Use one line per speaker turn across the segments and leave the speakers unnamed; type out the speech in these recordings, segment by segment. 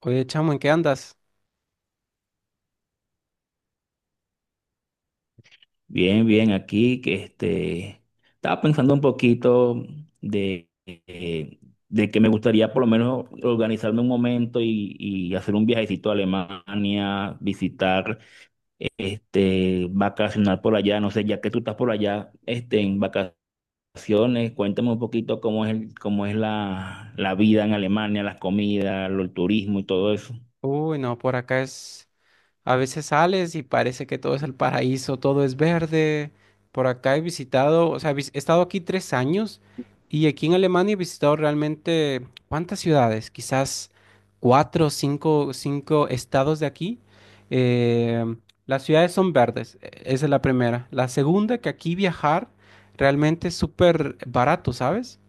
Oye, chamo, ¿en qué andas?
Bien, bien, aquí que estaba pensando un poquito de, eh, de que me gustaría por lo menos organizarme un momento y hacer un viajecito a Alemania, visitar, vacacionar por allá. No sé, ya que tú estás por allá, en vacaciones, cuéntame un poquito cómo es la vida en Alemania, las comidas, el turismo y todo eso.
Uy, no, por acá es... A veces sales y parece que todo es el paraíso, todo es verde. Por acá he visitado, o sea, he estado aquí 3 años y aquí en Alemania he visitado realmente, ¿cuántas ciudades? Quizás cuatro, cinco, cinco estados de aquí. Eh, las ciudades son verdes, esa es la primera. La segunda, que aquí viajar realmente es súper barato, ¿sabes?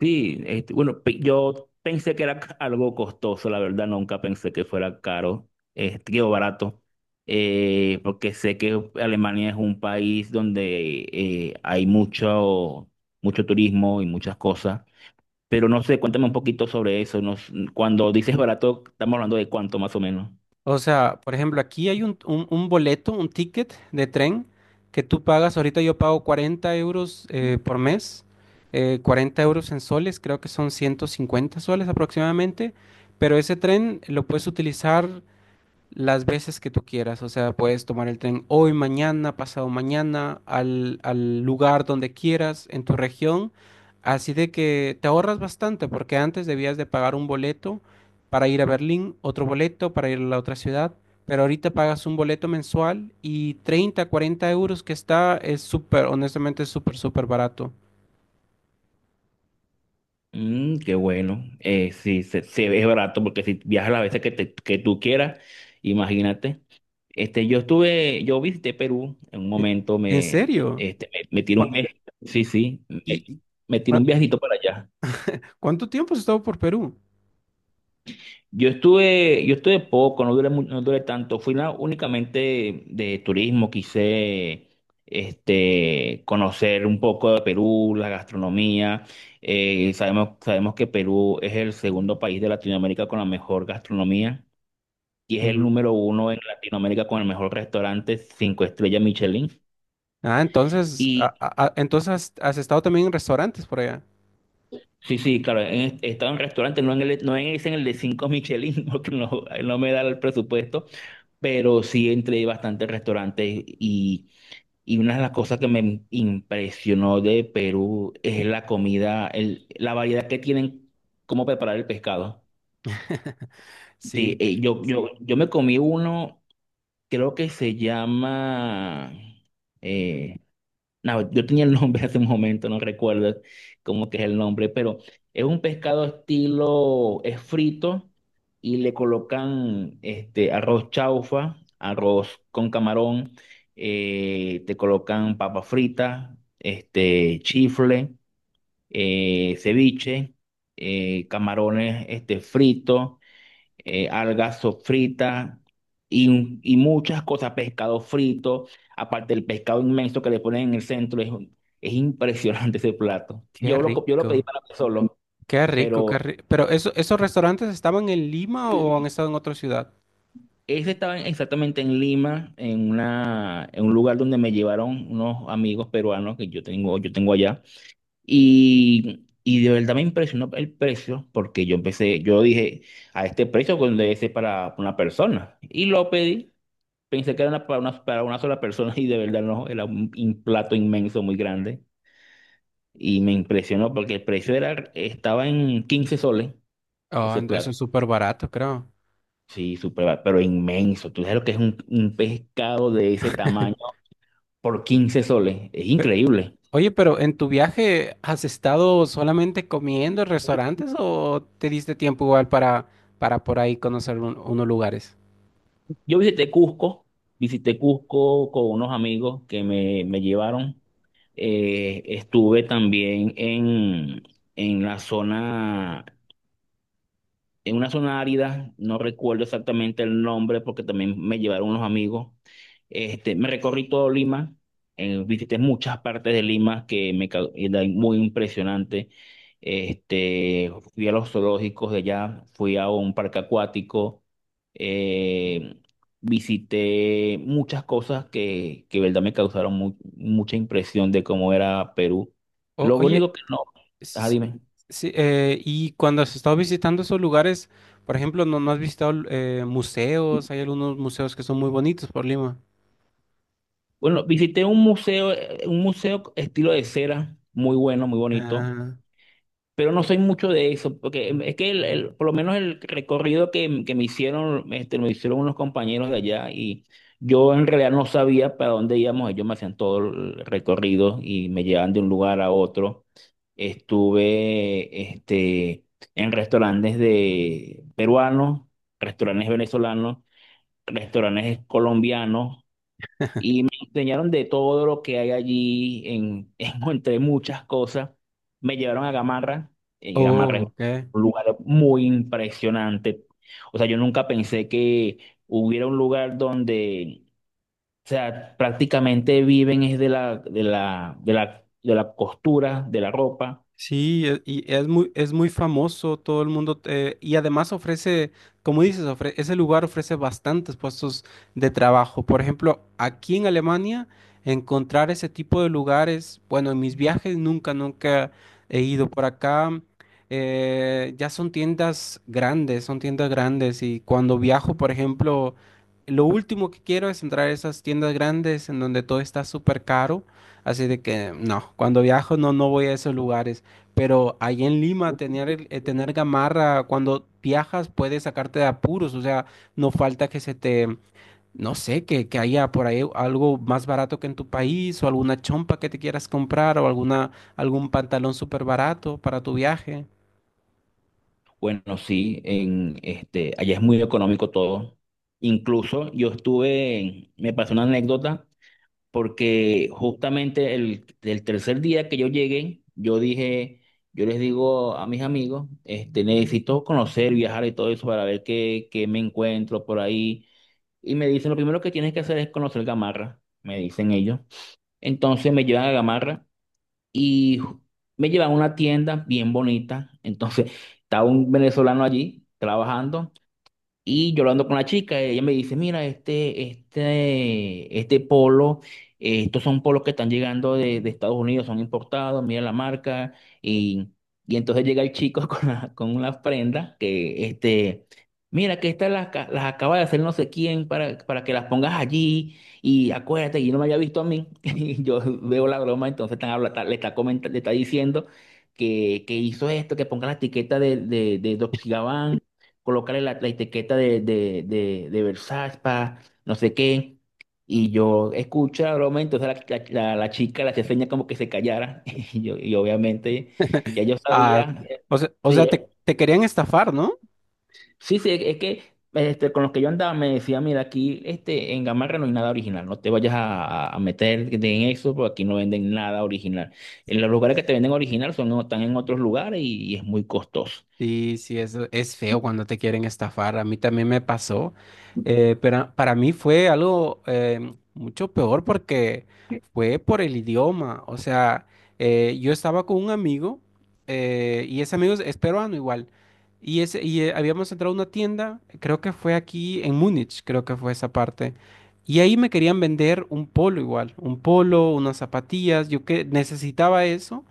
Sí, bueno, yo pensé que era algo costoso, la verdad, nunca pensé que fuera caro, digo, barato, porque sé que Alemania es un país donde hay mucho turismo y muchas cosas, pero no sé, cuéntame un poquito sobre eso, no s- cuando dices barato, estamos hablando de cuánto más o menos.
O sea, por ejemplo, aquí hay un boleto, un ticket de tren que tú pagas. Ahorita yo pago 40 euros por mes, 40 euros en soles, creo que son 150 soles aproximadamente. Pero ese tren lo puedes utilizar las veces que tú quieras, o sea, puedes tomar el tren hoy, mañana, pasado mañana, al lugar donde quieras, en tu región, así de que te ahorras bastante, porque antes debías de pagar un boleto para ir a Berlín, otro boleto para ir a la otra ciudad, pero ahorita pagas un boleto mensual y 30, 40 euros que está, es súper, honestamente, es súper, súper barato.
Mm, qué bueno. Sí, se ve barato porque si viajas las veces que tú quieras, imagínate. Yo estuve, yo visité Perú en un
E-
momento,
¿En serio?
me tiré un
¿Cu-
mes, sí, sí,
y, y-
me tiré
cua-
un viajito para allá.
¿cuánto tiempo has estado por Perú?
Yo estuve poco, no duré tanto. Fui únicamente de turismo, quise conocer un poco de Perú, la gastronomía. Sabemos que Perú es el segundo país de Latinoamérica con la mejor gastronomía y es el número uno en Latinoamérica con el mejor restaurante, cinco estrellas Michelin.
Ah, entonces,
Y
entonces has estado también en restaurantes por allá.
sí, sí, claro, he estado en restaurantes, no en el, no en, ese- en el de cinco Michelin, porque no, no me da el presupuesto, pero sí entré a bastantes restaurantes, y una de las cosas que me impresionó de Perú es la comida, la variedad que tienen, cómo preparar el pescado. Sí,
Sí,
yo me comí uno, creo que se llama, eh, no, yo tenía el nombre hace un momento, no recuerdo cómo que es el nombre, pero es un pescado estilo, es frito y le colocan arroz chaufa, arroz con camarón, te colocan papa frita, chifle, ceviche, camarones fritos, algas sofritas y, y muchas cosas, pescado frito, aparte del pescado inmenso que le ponen en el centro, es impresionante ese plato.
qué
Yo lo pedí
rico,
para mí solo,
qué rico, qué
pero
rico. Pero eso, ¿esos restaurantes estaban en Lima o han estado en otra ciudad?
ese estaba exactamente en Lima, en un lugar donde me llevaron unos amigos peruanos que yo tengo allá, y... Y de verdad me impresionó el precio porque yo empecé, yo dije, a este precio pues, debe ser para una persona. Y lo pedí. Pensé que era para una sola persona, y de verdad no, era un plato inmenso, muy grande. Y me impresionó porque el precio estaba en 15 soles
Oh,
ese
eso
plato.
es súper barato, creo.
Sí, súper barato, pero inmenso. Tú sabes lo que es un pescado de ese tamaño por 15 soles. Es
Pe-
increíble.
Oye, pero en tu viaje, ¿has estado solamente comiendo en restaurantes o te diste tiempo igual para por ahí conocer unos lugares?
Yo visité Cusco con unos amigos me llevaron. Estuve también en la zona en una zona árida, no recuerdo exactamente el nombre porque también me llevaron unos amigos. Me recorrí todo Lima, visité muchas partes de Lima que eran muy impresionante. Fui a los zoológicos de allá, fui a un parque acuático, eh, visité muchas cosas que verdad me causaron mucha impresión de cómo era Perú. Lo
Oye,
único que no, ah,
sí,
dime.
sí, y cuando has estado visitando esos lugares, por ejemplo, ¿no, no has visitado museos? Hay algunos museos que son muy bonitos por Lima.
Bueno, visité un museo estilo de cera, muy bueno, muy bonito,
Ah,
pero no soy mucho de eso, porque es que por lo menos el recorrido que me hicieron, me hicieron unos compañeros de allá, y yo en realidad no sabía para dónde íbamos, ellos me hacían todo el recorrido y me llevaban de un lugar a otro. Estuve, en restaurantes de peruanos, restaurantes venezolanos, restaurantes colombianos. Y me enseñaron de todo lo que hay allí, entre muchas cosas. Me llevaron a Gamarra. Gamarra
oh,
es
ok.
un lugar muy impresionante. O sea, yo nunca pensé que hubiera un lugar donde, o sea, prácticamente viven es de la costura, de la ropa.
Sí, y es muy famoso, todo el mundo, y además ofrece, como dices, ese lugar ofrece bastantes puestos de trabajo. Por ejemplo, aquí en Alemania, encontrar ese tipo de lugares, bueno, en mis viajes nunca, nunca he ido por acá. Ya son tiendas grandes, y cuando viajo, por ejemplo, lo último que quiero es entrar a esas tiendas grandes en donde todo está súper caro. Así de que no, cuando viajo no, no voy a esos lugares. Pero ahí en Lima, tener, tener gamarra cuando viajas puede sacarte de apuros. O sea, no falta que se te, no sé, que haya por ahí algo más barato que en tu país o alguna chompa que te quieras comprar o alguna, algún pantalón súper barato para tu viaje.
Bueno, sí, allá es muy económico todo. Incluso yo estuve, me pasó una anécdota porque justamente el tercer día que yo llegué, yo dije, yo les digo a mis amigos, necesito conocer, viajar y todo eso para ver qué me encuentro por ahí. Y me dicen, lo primero que tienes que hacer es conocer Gamarra, me dicen ellos. Entonces me llevan a Gamarra y me llevan a una tienda bien bonita. Entonces estaba un venezolano allí trabajando. Y yo hablando con la chica, ella me dice, mira, este polo, estos son polos que están llegando de Estados Unidos, son importados, mira la marca. Y, y entonces llega el chico con con una prenda que, mira, que estas las acaba de hacer no sé quién para que las pongas allí. Y acuérdate, y no me había visto a mí. Y yo veo la broma, entonces le está comentando, le está diciendo que hizo esto, que ponga la etiqueta de Dolce y Gabbana, colocarle la etiqueta de Versaspa, no sé qué. Y yo escucho la broma, entonces la chica la hacía seña como que se callara. Y, yo, y obviamente ya yo
Ah,
sabía.
o sea, o
Sí,
sea, te, te querían estafar, ¿no?
sí, sí, es que con los que yo andaba me decía, mira, aquí en Gamarra no hay nada original, no te vayas a, a meter en eso, porque aquí no venden nada original. En los lugares que te venden original son, están en otros lugares y es muy costoso.
Sí, sí, eso es feo cuando te quieren estafar. A mí también me pasó, pero para mí fue algo mucho peor porque fue por el idioma. O sea, yo estaba con un amigo y ese amigo es peruano igual. Y, ese, y habíamos entrado a una tienda, creo que fue aquí en Múnich, creo que fue esa parte. Y ahí me querían vender un polo igual, un polo, unas zapatillas. Yo que necesitaba eso.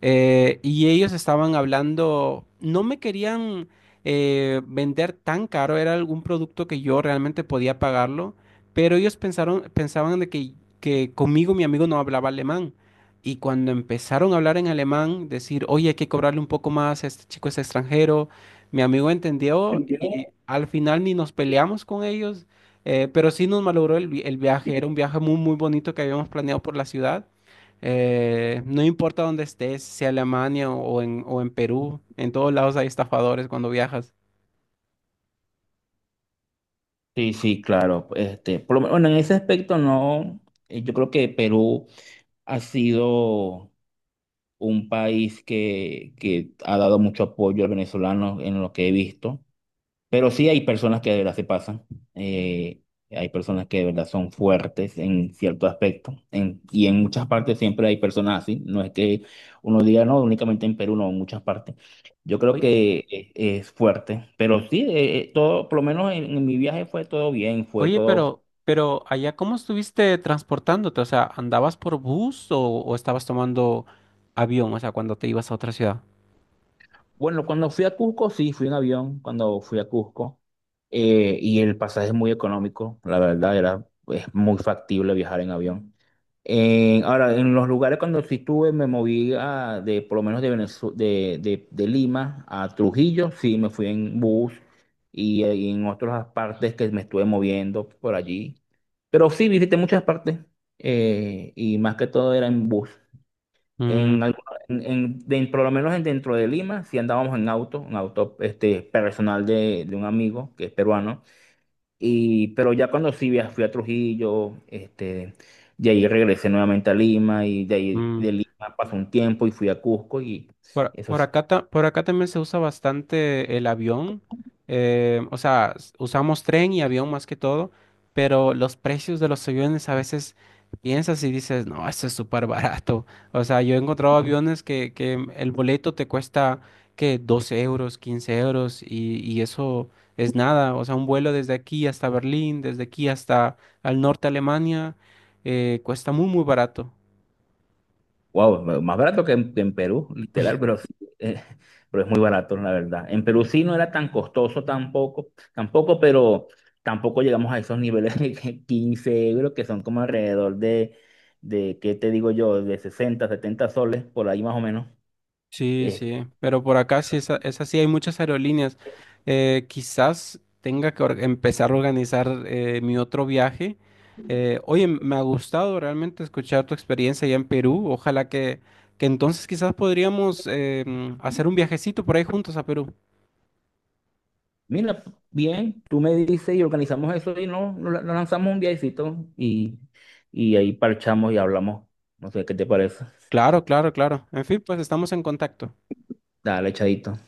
Y ellos estaban hablando, no me querían vender tan caro, era algún producto que yo realmente podía pagarlo, pero ellos pensaron, pensaban de que conmigo mi amigo no hablaba alemán. Y cuando empezaron a hablar en alemán, decir, oye, hay que cobrarle un poco más, este chico es extranjero, mi amigo entendió y al final ni nos peleamos con ellos, pero sí nos malogró el, el viaje, era un viaje muy, muy bonito que habíamos planeado por la ciudad. No importa dónde estés, sea Alemania o en Perú, en todos lados hay estafadores cuando viajas.
Sí, sí, claro. Por lo menos, bueno, en ese aspecto no, yo creo que Perú ha sido un país que ha dado mucho apoyo al venezolano en lo que he visto, pero sí hay personas que de verdad se pasan, eh, hay personas que de verdad son fuertes en cierto aspecto, y en muchas partes siempre hay personas así, no es que uno diga, no, únicamente en Perú, no, en muchas partes. Yo creo
Oye,
que e- Es fuerte, pero sí, todo, por lo menos en mi viaje fue todo bien, fue
oye,
todo.
pero allá, ¿cómo estuviste transportándote? O sea, ¿andabas por bus o estabas tomando avión? O sea, cuando te ibas a otra ciudad.
Bueno, cuando fui a Cusco, sí, fui en avión cuando fui a Cusco. Y el pasaje es muy económico, la verdad, era, es muy factible viajar en avión. Ahora, en los lugares cuando sí estuve, me moví a, de, por lo menos de, Venezu- de Lima a Trujillo, sí, me fui en bus, y en otras partes que me estuve moviendo por allí. Pero sí, visité muchas partes, y más que todo era en bus.
Mm,
En, algu- en- de- Por lo menos dentro de Lima, sí andábamos en auto personal de un amigo que es peruano. Y, pero ya cuando fui a Trujillo, de ahí regresé nuevamente a Lima, y de ahí
mm.
de Lima pasó un tiempo y fui a Cusco y eso.
Por acá, por acá también se usa bastante el avión. O sea, usamos tren y avión más que todo, pero los precios de los aviones a veces piensas y dices, no, esto es súper barato. O sea, yo he encontrado aviones que el boleto te cuesta que 12 euros, 15 euros y eso es nada. O sea, un vuelo desde aquí hasta Berlín, desde aquí hasta al norte de Alemania, cuesta muy, muy barato.
Wow, más barato que que en Perú, literal, pero sí, eh, pero es muy barato, la verdad. En Perú sí no era tan costoso tampoco, tampoco, pero tampoco llegamos a esos niveles de que 15 euros, que son como alrededor ¿qué te digo yo? De 60, 70 soles, por ahí más o menos.
Sí,
Eh,
sí, pero por acá sí es, es así, hay muchas aerolíneas. Quizás tenga que empezar a organizar mi otro viaje. Oye, me ha gustado realmente escuchar tu experiencia allá en Perú. Ojalá que entonces quizás podríamos hacer un viajecito por ahí juntos a Perú.
Mira, bien, tú me dices y organizamos eso y no, nos lanzamos un viajecito, y ahí parchamos y hablamos. No sé, ¿qué te parece?
Claro, claro, claro. En fin, pues estamos en contacto.
Dale, echadito.